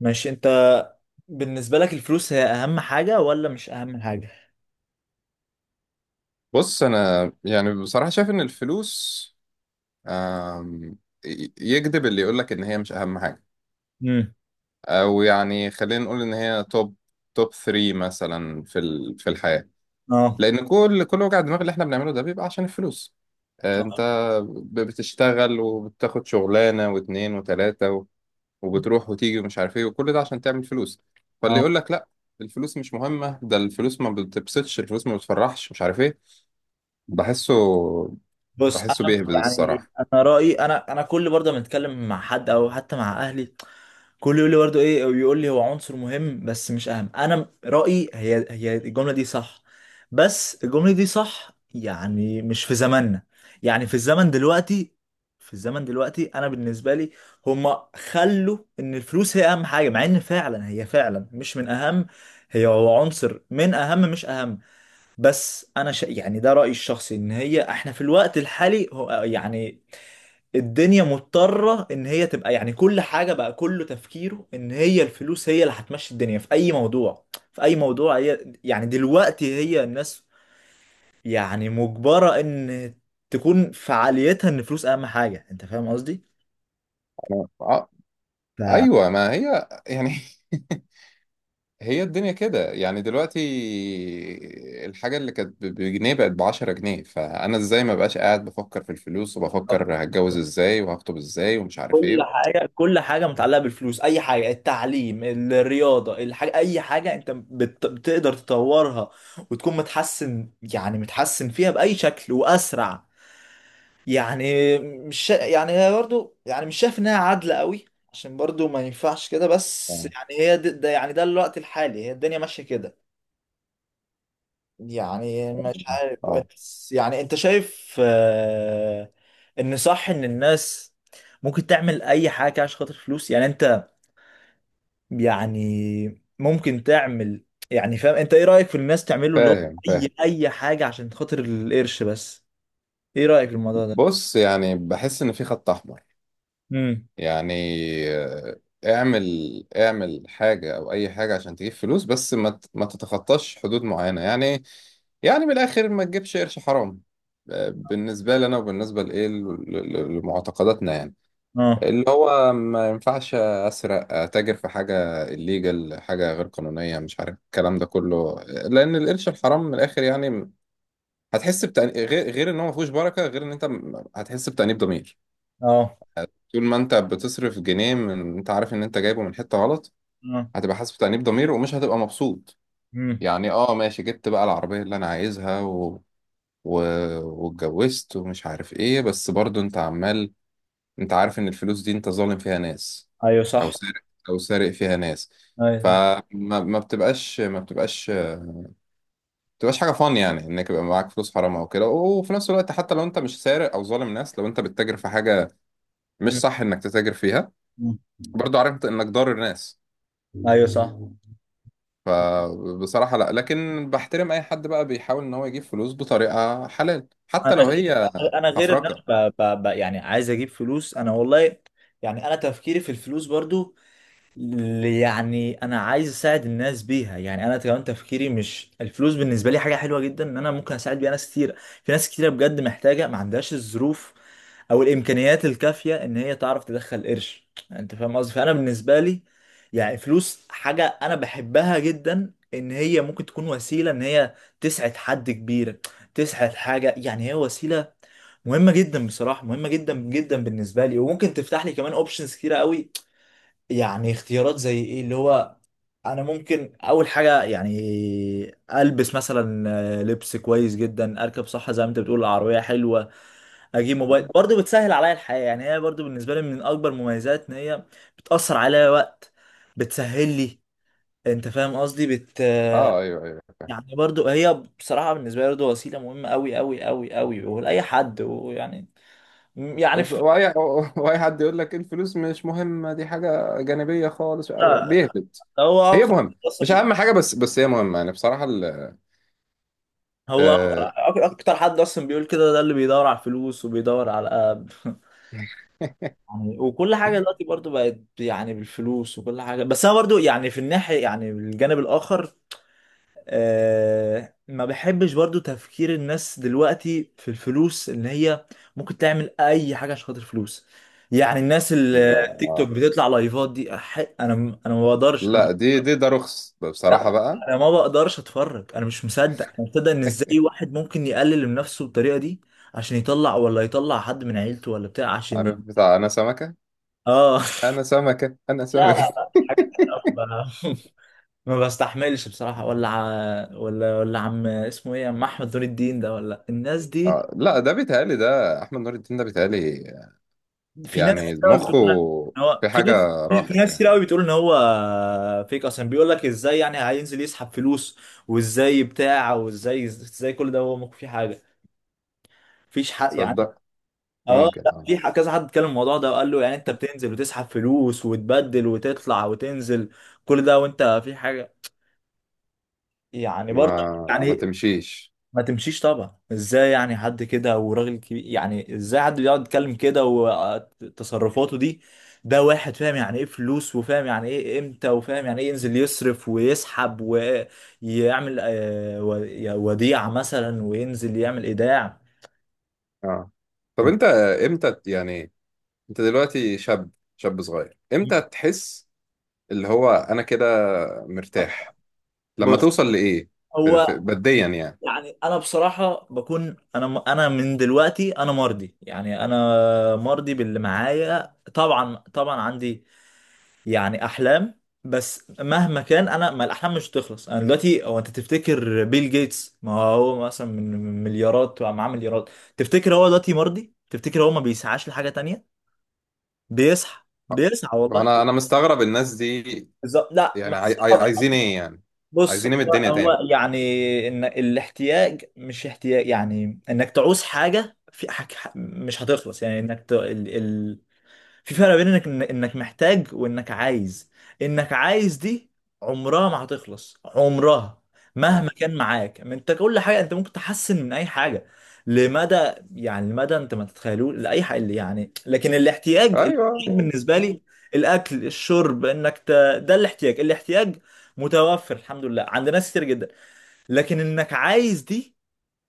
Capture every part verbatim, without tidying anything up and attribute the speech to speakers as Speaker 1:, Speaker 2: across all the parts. Speaker 1: ماشي، انت بالنسبة لك الفلوس هي اهم حاجة ولا مش اهم حاجة؟
Speaker 2: بص، انا يعني بصراحه شايف ان الفلوس آم، ي- يكذب اللي يقولك ان هي مش اهم حاجه.
Speaker 1: امم
Speaker 2: او يعني خلينا نقول ان هي توب توب تلاتة مثلا في ال- في الحياه.
Speaker 1: اه،
Speaker 2: لان كل كل وجع الدماغ اللي احنا بنعمله ده بيبقى عشان الفلوس. آه، انت
Speaker 1: صح،
Speaker 2: ب- بتشتغل وبتاخد شغلانه واتنين وتلاته و- وبتروح وتيجي ومش عارف ايه، وكل ده عشان تعمل فلوس. فاللي
Speaker 1: اه،
Speaker 2: يقولك لا، الفلوس مش مهمه، ده الفلوس ما بتبسطش، الفلوس ما بتفرحش، مش عارف ايه. بحسه
Speaker 1: بص
Speaker 2: بحسه
Speaker 1: انا
Speaker 2: بيهبد
Speaker 1: يعني،
Speaker 2: الصراحة.
Speaker 1: انا رأيي، انا انا كل برضه ما اتكلم مع حد او حتى مع اهلي كله يقول لي برضه ايه، ويقول لي هو عنصر مهم بس مش اهم. انا م- رأيي هي هي الجملة دي صح. بس الجملة دي صح يعني مش في زماننا، يعني في الزمن دلوقتي. في الزمن دلوقتي انا بالنسبة لي هما خلوا ان الفلوس هي اهم حاجة، مع ان فعلا هي فعلا مش من اهم. هي هو عنصر من اهم، مش اهم. بس انا ش... يعني ده رأيي الشخصي، ان هي احنا في الوقت الحالي، هو يعني الدنيا مضطرة ان هي تبقى يعني كل حاجة بقى، كله تفكيره ان هي الفلوس هي اللي هتمشي الدنيا في اي موضوع. في اي موضوع هي يعني دلوقتي هي الناس يعني مجبرة ان تكون فعاليتها ان الفلوس اهم حاجة. انت فاهم قصدي؟
Speaker 2: أنا... آه...
Speaker 1: ف...
Speaker 2: أيوة، ما هي يعني. هي الدنيا كده، يعني دلوقتي. الحاجة اللي كانت ب- بجنيه بقت بعشرة جنيه، فأنا إزاي ما بقاش قاعد بفكر في الفلوس، وبفكر هتجوز إزاي وهخطب إزاي ومش عارف
Speaker 1: كل
Speaker 2: إيه.
Speaker 1: حاجة، كل حاجة متعلقة بالفلوس، أي حاجة، التعليم، الرياضة، الحاجة، أي حاجة أنت بت... بتقدر تطورها وتكون متحسن، يعني متحسن فيها بأي شكل وأسرع. يعني مش شا- يعني هي برضو يعني مش شايف انها عادلة قوي، عشان برضو ما ينفعش كده. بس
Speaker 2: آه،
Speaker 1: يعني هي ده, ده يعني ده الوقت الحالي، هي الدنيا ماشية كده. يعني مش عارف،
Speaker 2: آه.
Speaker 1: بس يعني انت شايف آه، ان صح ان الناس ممكن تعمل اي حاجة كده عشان خاطر فلوس، يعني انت، يعني ممكن تعمل، يعني فاهم انت ايه رأيك في الناس تعمله، اللي هو
Speaker 2: فاهم، فاهم.
Speaker 1: اي اي حاجة عشان خاطر القرش بس. ايه رأيك في الموضوع ده؟
Speaker 2: بص، يعني بحس إن في خط أحمر.
Speaker 1: امم
Speaker 2: يعني آه، اعمل اعمل حاجة او اي حاجة عشان تجيب فلوس، بس ما ت- ما تتخطاش حدود معينة يعني. يعني من الاخر، ما تجيبش قرش حرام. آه، بالنسبة لنا وبالنسبة لإيه، ل- ل- لمعتقداتنا يعني.
Speaker 1: اه،
Speaker 2: اللي هو ما ينفعش أسرق، أتاجر في حاجة الليجل، حاجة غير قانونية، مش عارف الكلام ده كله. لأن القرش الحرام من الآخر يعني هتحس بتأنيب، غير غير إن هو ما فيهوش بركة، غير إن أنت م- هتحس بتأنيب ضمير.
Speaker 1: اه،
Speaker 2: طول ما انت بتصرف جنيه من انت عارف ان انت جايبه من حتة غلط، هتبقى حاسس بتأنيب ضمير، ومش هتبقى مبسوط.
Speaker 1: اه،
Speaker 2: يعني، اه، ماشي، جبت بقى العربية اللي انا عايزها، و... و... واتجوزت ومش عارف ايه، بس برضو انت عمال. انت عارف ان الفلوس دي انت ظالم فيها ناس،
Speaker 1: ايوه
Speaker 2: او
Speaker 1: صح،
Speaker 2: سارق او سارق فيها ناس.
Speaker 1: ايوه صح،
Speaker 2: فما ما بتبقاش ما بتبقاش ما بتبقاش حاجة، فان يعني انك يبقى معاك فلوس حرام او كده. وفي نفس الوقت، حتى لو انت مش سارق او ظالم ناس، لو انت بتتاجر في حاجة مش
Speaker 1: مم.
Speaker 2: صح انك تتاجر فيها،
Speaker 1: مم.
Speaker 2: برضو عارف انك ضار الناس.
Speaker 1: ايوه صح.
Speaker 2: فبصراحة، لا، لكن بحترم أي حد بقى بيحاول إن هو يجيب فلوس بطريقة حلال،
Speaker 1: انا
Speaker 2: حتى لو
Speaker 1: غير،
Speaker 2: هي
Speaker 1: انا غير ان
Speaker 2: حفركة.
Speaker 1: انا ب... ب... ب... يعني عايز اجيب فلوس انا والله. يعني انا تفكيري في الفلوس برضو، ل- يعني انا عايز اساعد الناس بيها. يعني انا كمان تفكيري، مش الفلوس بالنسبه لي حاجه حلوه جدا ان انا ممكن اساعد بيها ناس كتير. في ناس كتيره بجد محتاجه، ما عندهاش الظروف او الامكانيات الكافيه ان هي تعرف تدخل قرش. انت فاهم قصدي. فانا بالنسبه لي يعني فلوس حاجه انا بحبها جدا، ان هي ممكن تكون وسيله ان هي تسعد حد كبير، تسعد حاجه، يعني هي وسيله مهمه جدا، بصراحه مهمه جدا جدا بالنسبه لي. وممكن تفتح لي كمان اوبشنز كتيره قوي، يعني اختيارات. زي ايه؟ اللي هو انا ممكن اول حاجه يعني البس مثلا، آه، لبس كويس جدا، اركب، صح زي ما انت بتقول، العربيه حلوه، اجيب موبايل برضه بتسهل عليا الحياه. يعني هي برضه بالنسبه لي من اكبر مميزات ان هي بتاثر عليا وقت، بتسهل لي. انت فاهم قصدي، بت،
Speaker 2: اه، ايوه، ايوه، فاهم.
Speaker 1: يعني برضه هي بصراحه بالنسبه لي برضه وسيله مهمه قوي قوي قوي قوي ولاي حد. ويعني يعني
Speaker 2: وبص-
Speaker 1: في،
Speaker 2: واي واي حد يقول لك الفلوس مش مهمه، دي حاجه جانبيه خالص، بيهبط.
Speaker 1: هو
Speaker 2: هي
Speaker 1: اكتر،
Speaker 2: مهمه، مش اهم حاجه بس بس هي مهمه يعني بصراحه ال
Speaker 1: هو
Speaker 2: آه
Speaker 1: أك- اكتر حد اصلا بيقول كده، ده اللي بيدور على الفلوس وبيدور على يعني. وكل حاجه دلوقتي برضو بقت يعني بالفلوس، وكل حاجه. بس انا برضو يعني في الناحيه، يعني بالجانب الاخر، آه ما بحبش برضو تفكير الناس دلوقتي في الفلوس ان هي ممكن تعمل اي حاجه عشان خاطر فلوس. يعني الناس اللي
Speaker 2: لا،
Speaker 1: تيك توك
Speaker 2: آه،
Speaker 1: بتطلع لايفات دي، أح- انا انا ما بقدرش انا،
Speaker 2: لا، دي دي ده رخص بصراحه
Speaker 1: لا
Speaker 2: بقى.
Speaker 1: انا ما بقدرش اتفرج. انا مش مصدق، انا مش مصدق ان ازاي واحد ممكن يقلل من نفسه بالطريقه دي، عشان يطلع، ولا يطلع حد من عيلته ولا بتاع، عشان ي...
Speaker 2: عارف بتاع، انا سمكه،
Speaker 1: اه
Speaker 2: انا سمكه، انا
Speaker 1: لا، لا،
Speaker 2: سمكه.
Speaker 1: لا، حاجات كده ما ب- ما بستحملش بصراحه، ولا ع... ولا ولا عم اسمه ايه، عم احمد نور الدين ده ولا الناس دي.
Speaker 2: آه، لا، ده بيتهيألي ده احمد نور الدين، ده بيتهيألي.
Speaker 1: في ناس
Speaker 2: يعني
Speaker 1: كتير قوي بتقول
Speaker 2: مخه
Speaker 1: ان هو،
Speaker 2: في
Speaker 1: في
Speaker 2: حاجة
Speaker 1: ناس، في
Speaker 2: راحت
Speaker 1: ناس كتير
Speaker 2: يعني.
Speaker 1: قوي بتقول ان هو فيك، اصلا بيقول لك ازاي يعني هينزل يسحب فلوس، وازاي بتاع، وازاي ازاي كل ده، هو ممكن فيه حاجه؟ مفيش حق يعني.
Speaker 2: تصدق.
Speaker 1: اه
Speaker 2: ممكن.
Speaker 1: لا،
Speaker 2: اه.
Speaker 1: في ح- كذا حد اتكلم الموضوع ده وقال له يعني انت بتنزل وتسحب فلوس وتبدل وتطلع وتنزل كل ده وانت في حاجه؟ يعني برضه
Speaker 2: ما ما
Speaker 1: يعني
Speaker 2: تمشيش.
Speaker 1: ما تمشيش طبعا، ازاي يعني حد كده وراجل كبير، يعني ازاي حد بيقعد يتكلم كده وتصرفاته دي؟ ده واحد فاهم يعني ايه فلوس، وفاهم يعني ايه امتى، وفاهم يعني ايه ينزل يصرف ويسحب ويعمل آه، و- وديعة مثلا، وينزل يعمل ايداع.
Speaker 2: اه. طب انت امتى ت- يعني، انت دلوقتي شاب شاب صغير، امتى تحس اللي هو انا كده مرتاح؟ لما
Speaker 1: بص
Speaker 2: توصل لايه؟ في في
Speaker 1: هو،
Speaker 2: بديا يعني.
Speaker 1: يعني انا بصراحه بكون انا انا من دلوقتي انا مرضي، يعني انا مرضي باللي معايا. طبعا طبعا عندي يعني احلام، بس مهما كان انا، ما الاحلام مش هتخلص. انا دلوقتي، هو انت تفتكر بيل جيتس، ما هو مثلا من مليارات، معاه مليارات، تفتكر هو دلوقتي مرضي؟ تفتكر هو ما بيسعاش لحاجه تانية؟ بيسعى،
Speaker 2: آه.
Speaker 1: بيسعى والله.
Speaker 2: انا انا مستغرب الناس دي،
Speaker 1: بالظبط، لا
Speaker 2: يعني
Speaker 1: ما
Speaker 2: عاي- عاي- عايزين ايه يعني؟
Speaker 1: بص
Speaker 2: عايزين
Speaker 1: هو
Speaker 2: ايه من الدنيا تاني؟
Speaker 1: هو يعني ان الاحتياج مش احتياج، يعني انك تعوز حاجه، في حاجة مش هتخلص، يعني انك ت... ال... ال... في فرق بين انك انك محتاج وانك عايز. انك عايز دي عمرها ما هتخلص، عمرها
Speaker 2: اه،
Speaker 1: مهما كان معاك، ما انت كل حاجه انت ممكن تحسن من اي حاجه لمدى، يعني لمدى انت ما تتخيلوش لاي حاجه اللي يعني. لكن الاحتياج،
Speaker 2: ايوه.
Speaker 1: الاحتياج بالنسبه
Speaker 2: آه.
Speaker 1: لي، الاكل، الشرب، انك ت...، ده الاحتياج، الاحتياج متوفر الحمد لله عند ناس كتير جدا. لكن انك عايز دي،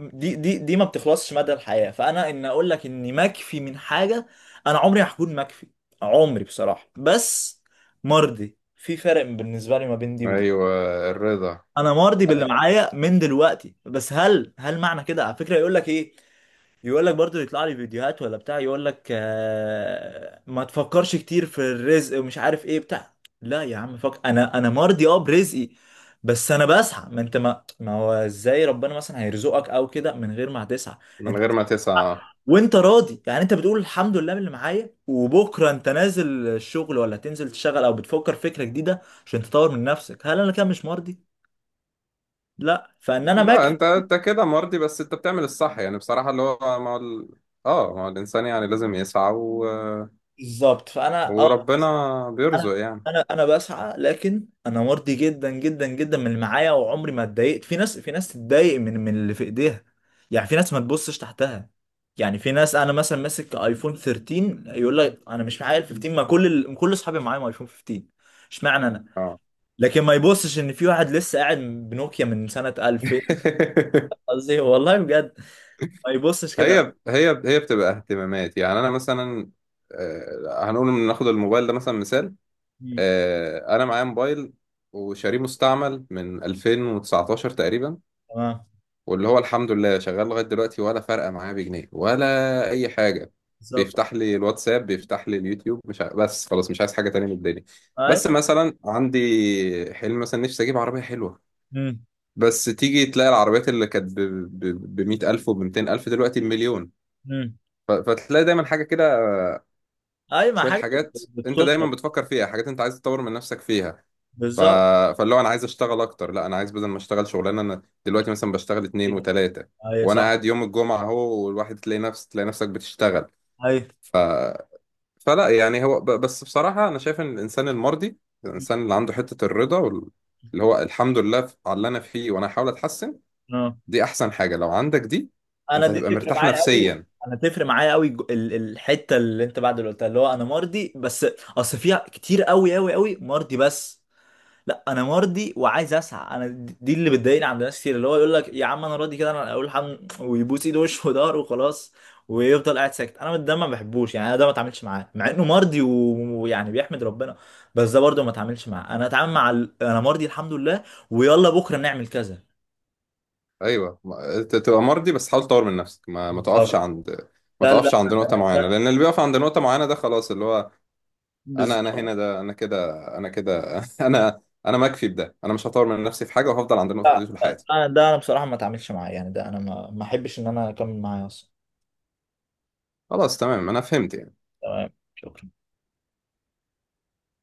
Speaker 1: دي دي دي ما بتخلصش مدى الحياة. فانا ان اقول لك اني مكفي من حاجة، انا عمري هكون مكفي، عمري بصراحة. بس مرضي، في فرق بالنسبة لي ما بين دي ودي.
Speaker 2: ايوه، الرضا.
Speaker 1: انا مرضي باللي
Speaker 2: آه،
Speaker 1: معايا من دلوقتي، بس هل هل معنى كده؟ على فكرة يقول لك ايه؟ يقول لك برضو يطلع لي فيديوهات ولا بتاع، يقول لك آه ما تفكرش كتير في الرزق ومش عارف ايه بتاع. لا يا عم فك، انا انا مرضي اه برزقي، بس انا بسعى. ما انت ما ما هو ازاي ربنا مثلا هيرزقك او كده من غير ما تسعى؟ انت
Speaker 2: من غير
Speaker 1: بتسعى
Speaker 2: ما تسعى.
Speaker 1: وانت راضي، يعني انت بتقول الحمد لله باللي معايا، وبكره انت نازل الشغل ولا تنزل تشتغل، او بتفكر فكره جديده عشان تطور من نفسك. هل انا كده مش مرضي؟ لا فان انا
Speaker 2: لا،
Speaker 1: ماكر.
Speaker 2: انت انت كده مرضي، بس انت بتعمل الصح يعني بصراحة، اللي هو مع ال... اه، ما هو الانسان يعني لازم يسعى و...
Speaker 1: بالظبط، فانا اه
Speaker 2: وربنا بيرزق
Speaker 1: انا،
Speaker 2: يعني.
Speaker 1: انا انا بسعى. لكن انا مرضي جدا جدا جدا من اللي معايا، وعمري ما اتضايقت. في ناس، في ناس تتضايق من من اللي في ايديها. يعني في ناس ما تبصش تحتها. يعني في ناس انا مثلا ماسك ايفون تلتاشر يقول لك انا مش معايا ال خمستاشر، ما كل ال...، كل اصحابي معايا ايفون خمستاشر، اشمعنى انا؟
Speaker 2: اه.
Speaker 1: لكن ما يبصش ان في واحد لسه قاعد بنوكيا من سنة ألفين. قصدي والله بجد، ما يبصش كده.
Speaker 2: هي هي هي بتبقى اهتمامات، يعني انا مثلا، آه، هنقول ان ناخد الموبايل ده مثلا، مثال.
Speaker 1: مم.
Speaker 2: آه، انا معايا موبايل وشاريه مستعمل من ألفين وتسعتاشر تقريبا،
Speaker 1: تمام.
Speaker 2: واللي هو الحمد لله شغال لغاية دلوقتي، ولا فارقة معايا بجنيه ولا أي حاجة.
Speaker 1: بالظبط.
Speaker 2: بيفتح لي الواتساب، بيفتح لي اليوتيوب، مش ع... بس خلاص مش عايز حاجة تانية من الدنيا.
Speaker 1: اي.
Speaker 2: بس مثلا عندي حلم، مثلا نفسي أجيب عربية حلوة،
Speaker 1: مم.
Speaker 2: بس تيجي تلاقي العربيات اللي كانت ب مية ألف وب ميتين ألف، دلوقتي بمليون.
Speaker 1: مم.
Speaker 2: ف... فتلاقي دايما حاجة كده،
Speaker 1: اي، ما
Speaker 2: شويه
Speaker 1: حاجة
Speaker 2: حاجات انت دايما
Speaker 1: بتبسطك.
Speaker 2: بتفكر فيها، حاجات انت عايز تطور من نفسك فيها. ف...
Speaker 1: بالظبط.
Speaker 2: فاللي هو انا عايز اشتغل اكتر، لا، انا عايز بدل ما اشتغل شغلانه، انا دلوقتي مثلا بشتغل اتنين وتلاته،
Speaker 1: اي،
Speaker 2: وانا
Speaker 1: صح.
Speaker 2: قاعد يوم الجمعه اهو، والواحد تلاقي نفس تلاقي نفسك بتشتغل.
Speaker 1: ايوه.
Speaker 2: ف... فلا يعني، هو ب... بس بصراحه انا شايف ان الانسان المرضي، الانسان اللي عنده حته الرضا وال... اللي هو الحمد لله على اللي انا فيه، وانا هحاول اتحسن،
Speaker 1: اه.
Speaker 2: دي احسن حاجه. لو عندك دي
Speaker 1: انا
Speaker 2: انت
Speaker 1: دي
Speaker 2: هتبقى
Speaker 1: تفرق
Speaker 2: مرتاح
Speaker 1: معايا قوي.
Speaker 2: نفسيا.
Speaker 1: انا تفرق معايا قوي، جو- ال- الحته اللي انت بعد اللي قلتها، اللي هو انا مرضي بس، اصل فيها كتير قوي قوي قوي، مرضي بس. لا، انا مرضي وعايز اسعى. انا د- دي اللي بتضايقني عند ناس كتير، اللي هو يقول لك يا عم انا راضي كده، انا اقول الحمد، ويبوس ايده وشه وضهره وخلاص، ويفضل قاعد ساكت. انا ده ما بحبوش، يعني انا ده ما اتعاملش معاه مع انه مرضي و- ويعني بيحمد ربنا. بس ده برضه ما اتعاملش معاه، انا اتعامل مع ال... انا مرضي الحمد لله، ويلا بكره نعمل كذا.
Speaker 2: ايوه، ما- ت- تبقى مرضي، بس حاول تطور من نفسك، ما ما تقفش
Speaker 1: بالظبط.
Speaker 2: عند ما
Speaker 1: لا لا.
Speaker 2: تقفش عند نقطة معينة. لأن اللي بيقف عند نقطة معينة ده خلاص، اللي هو أنا أنا
Speaker 1: بالظبط.
Speaker 2: هنا، ده أنا كده، أنا كده أنا أنا مكفي بده، أنا مش هطور من نفسي في حاجة، وهفضل عند النقطة دي
Speaker 1: لا،
Speaker 2: طول حياتي.
Speaker 1: لا، ده ده انا بصراحه ما اتعاملش معاه، يعني ده انا، ما ما احبش ان انا اكمل معاه اصلا.
Speaker 2: خلاص، تمام، أنا فهمت يعني.
Speaker 1: تمام شكرا.